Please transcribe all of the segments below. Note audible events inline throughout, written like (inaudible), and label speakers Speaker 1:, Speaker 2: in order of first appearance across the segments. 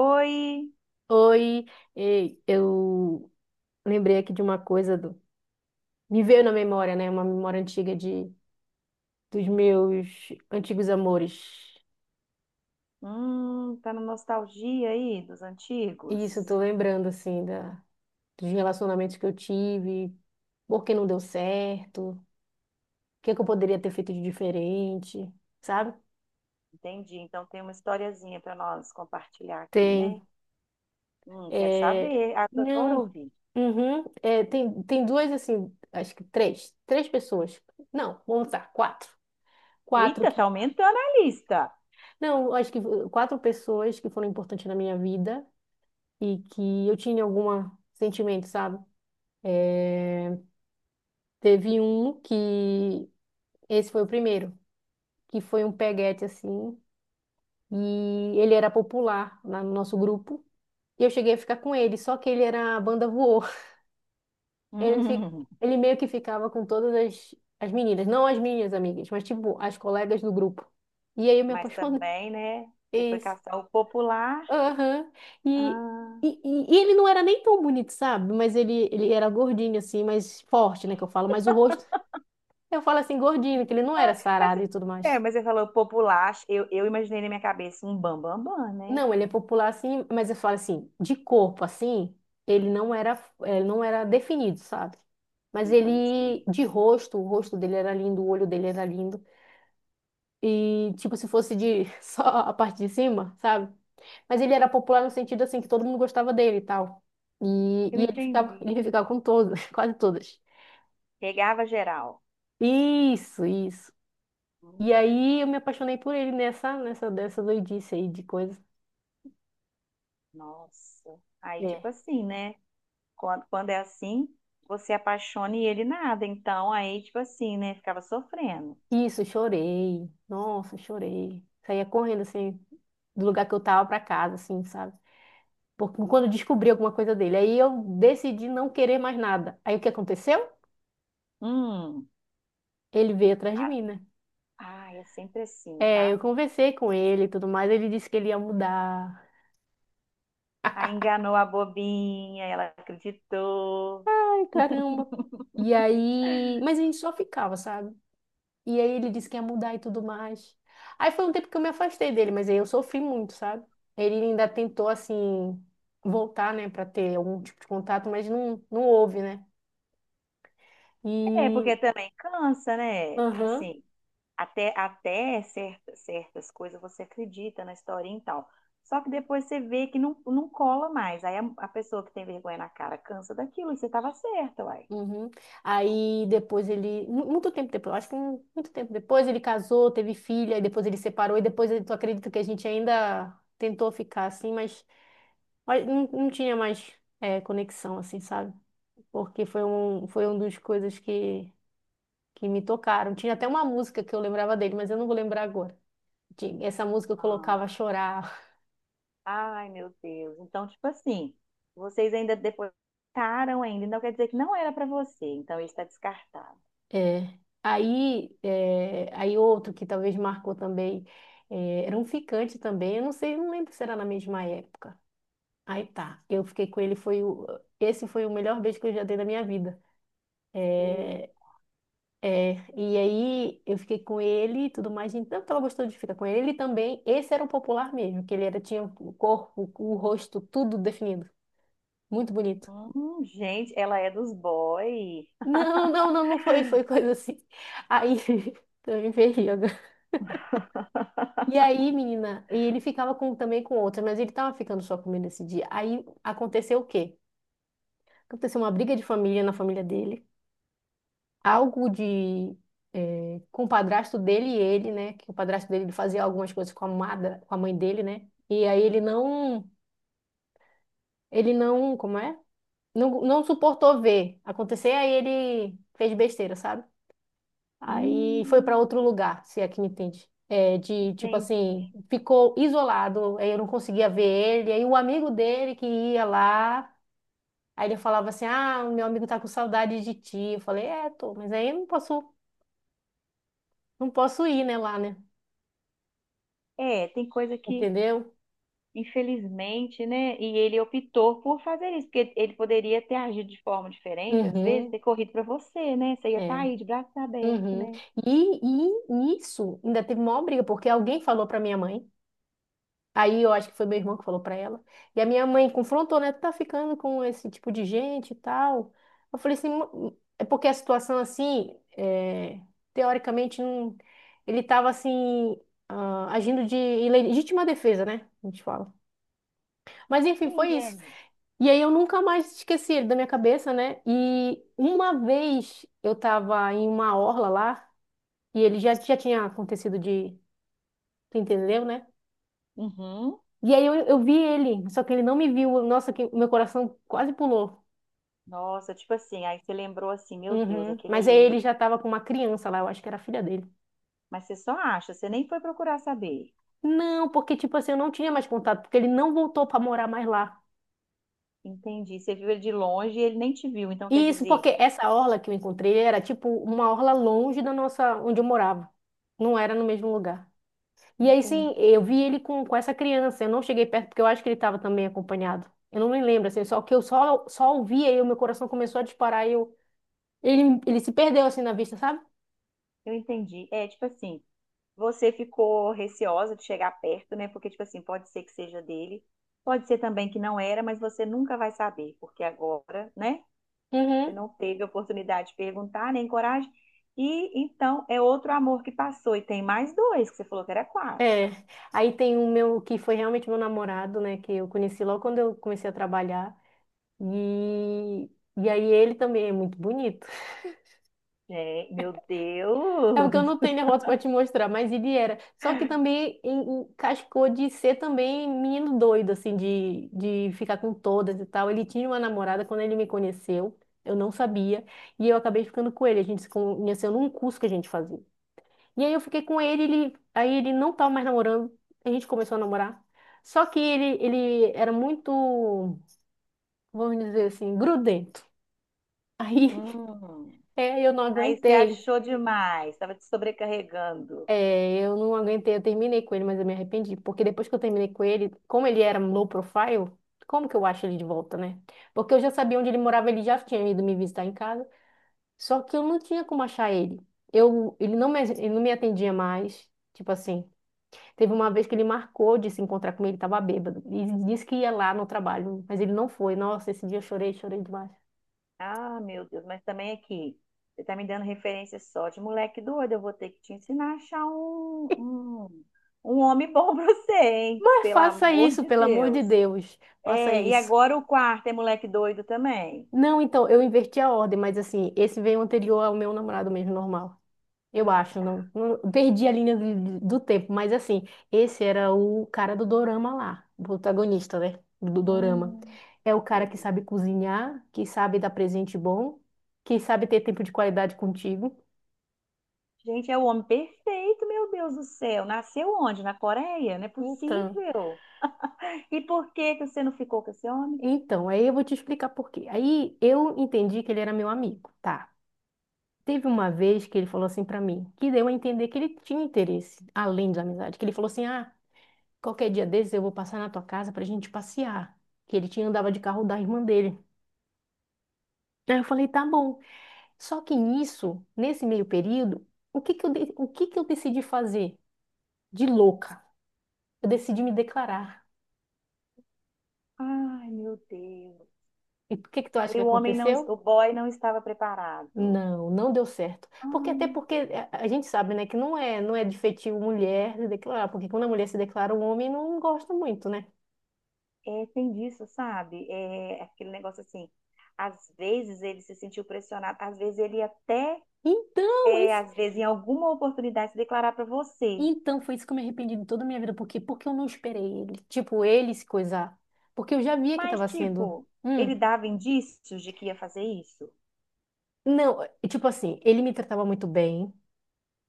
Speaker 1: Oi.
Speaker 2: Oi, ei, eu lembrei aqui de uma coisa Me veio na memória, né? Uma memória antiga de dos meus antigos amores.
Speaker 1: Tá na nostalgia aí dos antigos?
Speaker 2: E isso eu tô lembrando assim da dos relacionamentos que eu tive, por que não deu certo, o que que eu poderia ter feito de diferente, sabe?
Speaker 1: Entendi. Então tem uma historiazinha para nós compartilhar aqui,
Speaker 2: Tem,
Speaker 1: né? Quero
Speaker 2: é,
Speaker 1: saber, adoro
Speaker 2: não,
Speaker 1: ouvir.
Speaker 2: uhum, é, tem duas assim, acho que três pessoas. Não, vamos lá, quatro. Quatro
Speaker 1: Eita,
Speaker 2: que.
Speaker 1: tá aumentando a lista.
Speaker 2: Não, acho que quatro pessoas que foram importantes na minha vida e que eu tinha algum sentimento, sabe? Eh, Teve um que, esse foi o primeiro, que foi um peguete assim, e ele era popular lá no nosso grupo, e eu cheguei a ficar com ele, só que ele era a banda voou. (laughs)
Speaker 1: (laughs)
Speaker 2: Ele, fi-
Speaker 1: Hum,
Speaker 2: ele meio que ficava com todas as meninas, não as minhas amigas, mas tipo, as colegas do grupo. E aí eu me
Speaker 1: mas
Speaker 2: apaixonei.
Speaker 1: também, né? Você foi caçar o popular.
Speaker 2: Aham. E,
Speaker 1: Ah,
Speaker 2: e ele não era nem tão bonito, sabe? Mas ele era gordinho, assim, mais forte, né? Que eu falo. Mas o rosto, eu falo assim, gordinho, que ele não era
Speaker 1: mas,
Speaker 2: sarado e tudo mais.
Speaker 1: mas você falou popular. Eu imaginei na minha cabeça um bam bam bam, né?
Speaker 2: Não, ele é popular, assim, mas eu falo assim, de corpo, assim, ele não era definido, sabe? Mas ele,
Speaker 1: Entendi.
Speaker 2: de rosto, o rosto dele era lindo, o olho dele era lindo. E, tipo, se fosse de (laughs) só a parte de cima, sabe? Mas ele era popular no sentido assim que todo mundo gostava dele e tal. E,
Speaker 1: Eu
Speaker 2: e, ele ficava,
Speaker 1: entendi.
Speaker 2: ele ficava com todas, (laughs) quase todas.
Speaker 1: Pegava geral.
Speaker 2: Isso, isso.
Speaker 1: Hum,
Speaker 2: E aí eu me apaixonei por ele dessa doidice aí de coisa.
Speaker 1: nossa. Aí,
Speaker 2: É.
Speaker 1: tipo assim, né? Quando é assim, você apaixona e ele nada. Então, aí, tipo assim, né? Ficava sofrendo.
Speaker 2: Isso, chorei. Nossa, chorei. Saía correndo assim do lugar que eu tava pra casa, assim, sabe? Porque quando eu descobri alguma coisa dele, aí eu decidi não querer mais nada. Aí o que aconteceu?
Speaker 1: Hum,
Speaker 2: Ele veio atrás de
Speaker 1: a-
Speaker 2: mim, né?
Speaker 1: Ai, é sempre assim,
Speaker 2: É, eu
Speaker 1: tá?
Speaker 2: conversei com ele e tudo mais. Ele disse que ele ia mudar.
Speaker 1: Aí enganou a bobinha, ela acreditou.
Speaker 2: Caramba.
Speaker 1: (laughs)
Speaker 2: E aí, mas a gente só ficava, sabe? E aí ele disse que ia mudar e tudo mais. Aí foi um tempo que eu me afastei dele, mas aí eu sofri muito, sabe? Ele ainda tentou assim voltar, né, pra ter algum tipo de contato, mas não não houve, né?
Speaker 1: É,
Speaker 2: E
Speaker 1: porque também cansa, né? Tipo
Speaker 2: aham,
Speaker 1: assim, certas coisas você acredita na historinha e tal. Só que depois você vê que não, não cola mais. Aí a pessoa que tem vergonha na cara cansa daquilo e você tava certa, uai.
Speaker 2: uhum. Aí depois ele, muito tempo depois, acho que muito tempo depois ele casou, teve filha, e depois ele separou e depois tu acredita que a gente ainda tentou ficar assim, mas não, não tinha mais conexão assim, sabe? Porque foi um dos coisas que me tocaram. Tinha até uma música que eu lembrava dele, mas eu não vou lembrar agora. Essa música eu
Speaker 1: Ah.
Speaker 2: colocava a chorar. (laughs)
Speaker 1: Ai, meu Deus. Então, tipo assim, vocês ainda depois ficaram ainda, então quer dizer que não era pra você. Então, isso está descartado.
Speaker 2: É. Aí outro que talvez marcou também, é, era um ficante também, eu não sei, não lembro se era na mesma época. Aí tá, eu fiquei com ele, esse foi o melhor beijo que eu já dei na minha vida.
Speaker 1: E-
Speaker 2: É, é, e aí eu fiquei com ele e tudo mais, gente, tanto ela gostou de ficar com ele, ele também, esse era um popular mesmo, que ele era, tinha o corpo, o rosto, tudo definido, muito bonito.
Speaker 1: hum, gente, ela é dos boy.
Speaker 2: Não, não, não, não foi, foi coisa assim. Aí, (laughs) eu me agora. E aí, menina, e ele ficava com, também com outra, mas ele tava ficando só comigo nesse dia. Aí, aconteceu o quê? Aconteceu uma briga de família na família dele, algo de com o padrasto dele e ele, né? Que o padrasto dele ele fazia algumas coisas com a amada, com a mãe dele, né? E aí ele não, como é? Não, não suportou ver acontecer, aí ele fez besteira, sabe? Aí foi para
Speaker 1: Hum,
Speaker 2: outro lugar, se é que me entende. É, de tipo
Speaker 1: entendi.
Speaker 2: assim, ficou isolado, aí eu não conseguia ver ele, aí o amigo dele que ia lá, aí ele falava assim: "Ah, o meu amigo tá com saudade de ti". Eu falei: "É, tô, mas aí eu não posso ir, né, lá, né?"
Speaker 1: É, tem coisa que,
Speaker 2: Entendeu?
Speaker 1: infelizmente, né? E ele optou por fazer isso, porque ele poderia ter agido de forma diferente, às vezes,
Speaker 2: Uhum,
Speaker 1: ter corrido pra você, né? Você ia estar
Speaker 2: é.
Speaker 1: aí de braços abertos,
Speaker 2: Uhum.
Speaker 1: né?
Speaker 2: E, e isso ainda teve maior briga, porque alguém falou pra minha mãe. Aí eu acho que foi meu irmão que falou pra ela. E a minha mãe confrontou, né? Tu tá ficando com esse tipo de gente e tal. Eu falei assim, é porque a situação assim, teoricamente, não, ele tava assim, agindo de em legítima defesa, né? A gente fala. Mas enfim,
Speaker 1: Sim,
Speaker 2: foi isso.
Speaker 1: é.
Speaker 2: E aí eu nunca mais esqueci ele da minha cabeça, né? E uma vez eu tava em uma orla lá, e ele já tinha acontecido de... Tu entendeu, né?
Speaker 1: Uhum.
Speaker 2: E aí eu vi ele, só que ele não me viu. Nossa, que meu coração quase pulou.
Speaker 1: Nossa, tipo assim, aí você lembrou assim, meu Deus,
Speaker 2: Uhum.
Speaker 1: aquele
Speaker 2: Mas aí
Speaker 1: ali.
Speaker 2: ele já tava com uma criança lá, eu acho que era a filha dele.
Speaker 1: Mas você só acha, você nem foi procurar saber.
Speaker 2: Não, porque tipo assim, eu não tinha mais contato, porque ele não voltou pra morar mais lá.
Speaker 1: Entendi. Você viu ele de longe e ele nem te viu, então quer
Speaker 2: E isso
Speaker 1: dizer,
Speaker 2: porque essa orla que eu encontrei era tipo uma orla longe da nossa, onde eu morava. Não era no mesmo lugar. E aí, sim,
Speaker 1: entendi.
Speaker 2: eu vi ele com essa criança. Eu não cheguei perto porque eu acho que ele estava também acompanhado. Eu não me lembro, assim, só que eu só ouvi aí, o meu coração começou a disparar e ele se perdeu, assim, na vista, sabe?
Speaker 1: Eu entendi. É, tipo assim, você ficou receosa de chegar perto, né? Porque, tipo assim, pode ser que seja dele, pode ser também que não era, mas você nunca vai saber, porque agora, né? Você
Speaker 2: Uhum.
Speaker 1: não teve a oportunidade de perguntar, nem coragem. E então é outro amor que passou, e tem mais dois, que você falou que era quatro.
Speaker 2: É. Aí tem o meu, que foi realmente meu namorado, né, que eu conheci logo quando eu comecei a trabalhar. E, e aí ele também é muito bonito.
Speaker 1: É, meu
Speaker 2: É
Speaker 1: Deus!
Speaker 2: porque eu não tenho derrota pra te mostrar, mas ele era. Só que também encascou de ser também menino doido, assim, de ficar com todas e tal. Ele tinha uma namorada quando ele me conheceu, eu não sabia, e eu acabei ficando com ele. A gente se conheceu num curso que a gente fazia. E aí eu fiquei com ele, ele, aí ele não tava mais namorando, a gente começou a namorar. Só que ele era muito, vamos dizer assim, grudento. Aí
Speaker 1: Hum.
Speaker 2: (laughs) é, eu não
Speaker 1: Aí você
Speaker 2: aguentei.
Speaker 1: achou demais, estava te sobrecarregando.
Speaker 2: É, eu não aguentei, eu terminei com ele, mas eu me arrependi. Porque depois que eu terminei com ele, como ele era low profile, como que eu acho ele de volta, né? Porque eu já sabia onde ele morava, ele já tinha ido me visitar em casa. Só que eu não tinha como achar ele. Ele não me atendia mais. Tipo assim, teve uma vez que ele marcou de se encontrar comigo, ele tava bêbado. E disse que ia lá no trabalho, mas ele não foi. Nossa, esse dia eu chorei, chorei demais.
Speaker 1: Ah, meu Deus, mas também aqui, você tá me dando referência só de moleque doido, eu vou ter que te ensinar a achar um homem bom (laughs) pra você, hein?
Speaker 2: Mas
Speaker 1: Pelo
Speaker 2: faça
Speaker 1: amor
Speaker 2: isso,
Speaker 1: de
Speaker 2: pelo amor de
Speaker 1: Deus.
Speaker 2: Deus. Faça
Speaker 1: É, e
Speaker 2: isso.
Speaker 1: agora o quarto é moleque doido também.
Speaker 2: Não, então, eu inverti a ordem, mas assim, esse veio anterior ao meu namorado mesmo, normal. Eu
Speaker 1: Ah,
Speaker 2: acho,
Speaker 1: tá.
Speaker 2: não, perdi a linha do tempo, mas assim, esse era o cara do dorama lá, o protagonista, né, do dorama.
Speaker 1: Hum,
Speaker 2: É o cara
Speaker 1: meu
Speaker 2: que
Speaker 1: Deus.
Speaker 2: sabe cozinhar, que sabe dar presente bom, que sabe ter tempo de qualidade contigo.
Speaker 1: Gente, é o homem perfeito, meu Deus do céu. Nasceu onde? Na Coreia? Não é
Speaker 2: Então,
Speaker 1: possível. E por que que você não ficou com esse homem?
Speaker 2: então, aí eu vou te explicar por quê. Aí eu entendi que ele era meu amigo, tá? Teve uma vez que ele falou assim pra mim, que deu a entender que ele tinha interesse, além da amizade, que ele falou assim, ah, qualquer dia desses eu vou passar na tua casa pra gente passear. Que ele tinha andava de carro da irmã dele. Aí eu falei, tá bom. Só que nisso, nesse meio período, o que que eu, o que que eu decidi fazer? De louca. Eu decidi me declarar.
Speaker 1: Ai, meu Deus.
Speaker 2: E o que que tu acha
Speaker 1: Aí
Speaker 2: que
Speaker 1: o homem não,
Speaker 2: aconteceu?
Speaker 1: o boy não estava preparado.
Speaker 2: Não, não deu certo. Porque até
Speaker 1: Ah,
Speaker 2: porque é, a gente sabe, né, que não é, não é de feitio mulher se declarar, porque quando a mulher se declara, o homem não gosta muito, né?
Speaker 1: é, tem disso, sabe? É aquele negócio assim. Às vezes ele se sentiu pressionado, às vezes ele até,
Speaker 2: Então,
Speaker 1: é,
Speaker 2: esse.
Speaker 1: às vezes em alguma oportunidade se declarar para você.
Speaker 2: Então, foi isso que eu me arrependi de toda a minha vida. Por quê? Porque eu não esperei ele. Tipo, ele se coisar. Porque eu já via que
Speaker 1: Mas
Speaker 2: tava sendo.
Speaker 1: tipo, ele
Speaker 2: Hum.
Speaker 1: dava indícios de que ia fazer isso.
Speaker 2: Não, tipo assim, ele me tratava muito bem,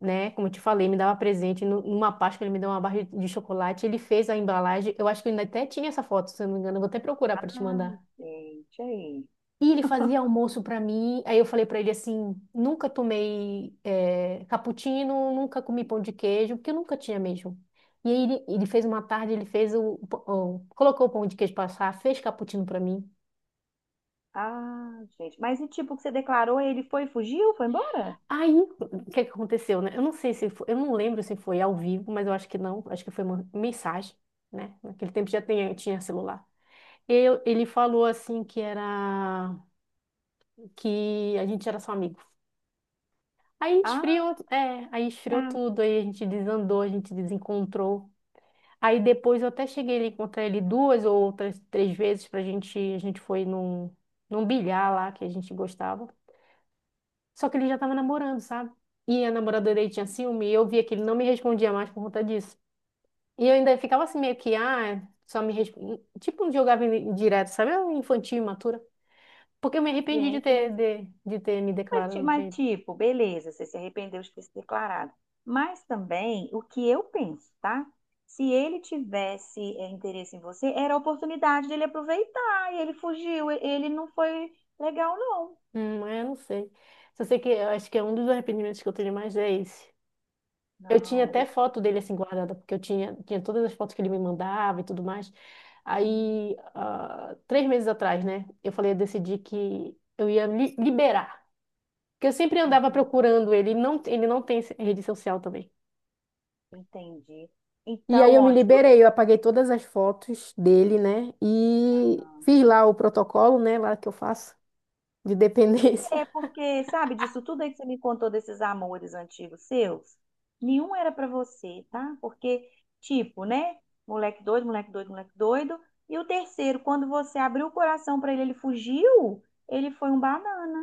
Speaker 2: né? Como eu te falei, me dava presente. Numa Páscoa, ele me deu uma barra de chocolate. Ele fez a embalagem. Eu acho que ele ainda até tinha essa foto, se eu não me engano. Eu vou até procurar pra te
Speaker 1: Ah,
Speaker 2: mandar.
Speaker 1: gente, aí.
Speaker 2: E ele fazia almoço pra mim. Aí eu falei pra ele assim: nunca tomei cappuccino, nunca comi pão de queijo, porque eu nunca tinha mesmo. E aí ele fez uma tarde, ele fez colocou o pão de queijo pra assar, fez cappuccino pra mim.
Speaker 1: Ah, gente. Mas e tipo, que você declarou, ele foi, fugiu, foi embora?
Speaker 2: Aí, o que é que aconteceu, né? Eu não sei se foi, eu não lembro se foi ao vivo, mas eu acho que não, acho que foi uma mensagem, né? Naquele tempo já tinha, tinha celular. Eu, ele falou assim que era que a gente era só amigo. Aí
Speaker 1: Ah,
Speaker 2: esfriou, é, aí esfriou
Speaker 1: tá,
Speaker 2: tudo, aí a gente desandou, a gente desencontrou. Aí depois eu até cheguei a encontrar ele duas ou outras, três vezes pra gente, a gente foi num, num bilhar lá que a gente gostava. Só que ele já tava namorando, sabe? E a namorada dele tinha ciúme e eu via que ele não me respondia mais por conta disso. E eu ainda ficava assim meio que, ah, só me responde. Tipo, jogava direto, sabe? Eu infantil, imatura. Porque eu me arrependi de
Speaker 1: gente,
Speaker 2: ter,
Speaker 1: mas
Speaker 2: de ter me
Speaker 1: Mas, ti-
Speaker 2: declarado pra
Speaker 1: mas,
Speaker 2: ele.
Speaker 1: tipo, beleza, você se arrependeu de ter se declarado. Mas também, o que eu penso, tá? Se ele tivesse é, interesse em você, era a oportunidade dele aproveitar. E ele fugiu, e- ele não foi legal, não.
Speaker 2: É, eu não sei. Só sei que eu acho que é um dos arrependimentos que eu tenho mais é esse. Eu
Speaker 1: Não,
Speaker 2: tinha
Speaker 1: mas
Speaker 2: até
Speaker 1: ele...
Speaker 2: foto dele assim guardada, porque eu tinha todas as fotos que ele me mandava e tudo mais.
Speaker 1: Hum,
Speaker 2: Aí, ah, três meses atrás, né, eu falei, eu decidi que eu ia liberar. Porque eu sempre andava
Speaker 1: uhum,
Speaker 2: procurando ele, ele não tem rede social também.
Speaker 1: entendi.
Speaker 2: E aí
Speaker 1: Então,
Speaker 2: eu me
Speaker 1: ó, de tudo.
Speaker 2: liberei, eu apaguei todas as fotos dele, né, e fiz lá o protocolo, né, lá que eu faço de (laughs) dependência.
Speaker 1: É porque, sabe, disso tudo aí que você me contou desses amores antigos seus, nenhum era pra você, tá? Porque, tipo, né? Moleque doido, moleque doido, moleque doido. E o terceiro, quando você abriu o coração pra ele, ele fugiu, ele foi um banana.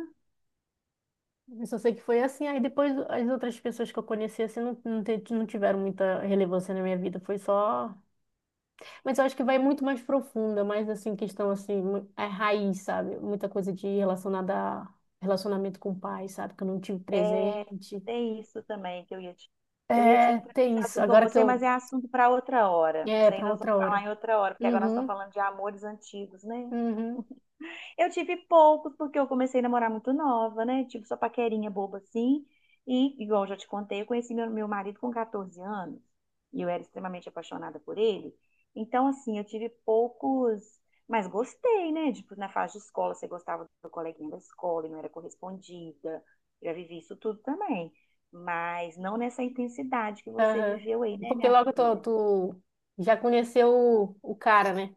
Speaker 2: Eu só sei que foi assim. Aí depois as outras pessoas que eu conheci assim não, não tiveram muita relevância na minha vida. Foi só. Mas eu acho que vai muito mais profunda, mais assim, questão assim, é raiz, sabe? Muita coisa de relacionada a relacionamento com o pai, sabe? Que eu não tive
Speaker 1: É,
Speaker 2: presente.
Speaker 1: tem isso também que eu ia te. Eu ia te
Speaker 2: É,
Speaker 1: entrar
Speaker 2: tem
Speaker 1: nesse
Speaker 2: isso.
Speaker 1: assunto com
Speaker 2: Agora que
Speaker 1: você, mas
Speaker 2: eu.
Speaker 1: é assunto pra outra hora.
Speaker 2: É,
Speaker 1: Isso aí
Speaker 2: para
Speaker 1: nós vamos
Speaker 2: outra
Speaker 1: falar
Speaker 2: hora.
Speaker 1: em outra hora, porque agora nós estamos
Speaker 2: Uhum,
Speaker 1: falando de amores antigos, né?
Speaker 2: uhum,
Speaker 1: Eu tive poucos, porque eu comecei a namorar muito nova, né? Tipo, só paquerinha boba assim. E, igual eu já te contei, eu conheci meu marido com 14 anos. E eu era extremamente apaixonada por ele. Então, assim, eu tive poucos. Mas gostei, né? Tipo, na fase de escola, você gostava do coleguinha da escola e não era correspondida. Eu já vivi isso tudo também. Mas não nessa intensidade que você
Speaker 2: aham.
Speaker 1: viveu aí, né,
Speaker 2: Porque
Speaker 1: minha
Speaker 2: logo tu,
Speaker 1: filha?
Speaker 2: tu já conheceu o cara, né?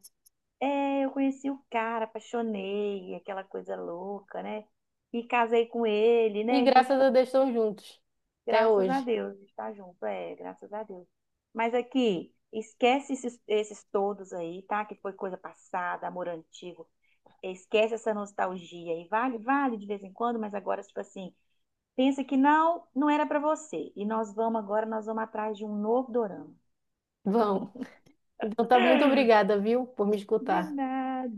Speaker 1: É, eu conheci o cara, apaixonei, aquela coisa louca, né? E casei com ele,
Speaker 2: E
Speaker 1: né? Então,
Speaker 2: graças
Speaker 1: tipo,
Speaker 2: a Deus estão juntos. Até
Speaker 1: graças a
Speaker 2: hoje.
Speaker 1: Deus, a gente tá junto, é, graças a Deus. Mas aqui, esquece esses todos aí, tá? Que foi coisa passada, amor antigo. Esquece essa nostalgia aí. Vale, vale de vez em quando, mas agora, tipo assim, pensa que não, não era pra você. E nós vamos atrás de um novo dorama.
Speaker 2: Vão. Então tá, muito obrigada, viu, por me
Speaker 1: De
Speaker 2: escutar.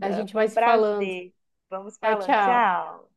Speaker 2: A gente
Speaker 1: foi
Speaker 2: vai
Speaker 1: um
Speaker 2: se falando.
Speaker 1: prazer. Vamos
Speaker 2: Tchau,
Speaker 1: falando,
Speaker 2: tchau.
Speaker 1: tchau.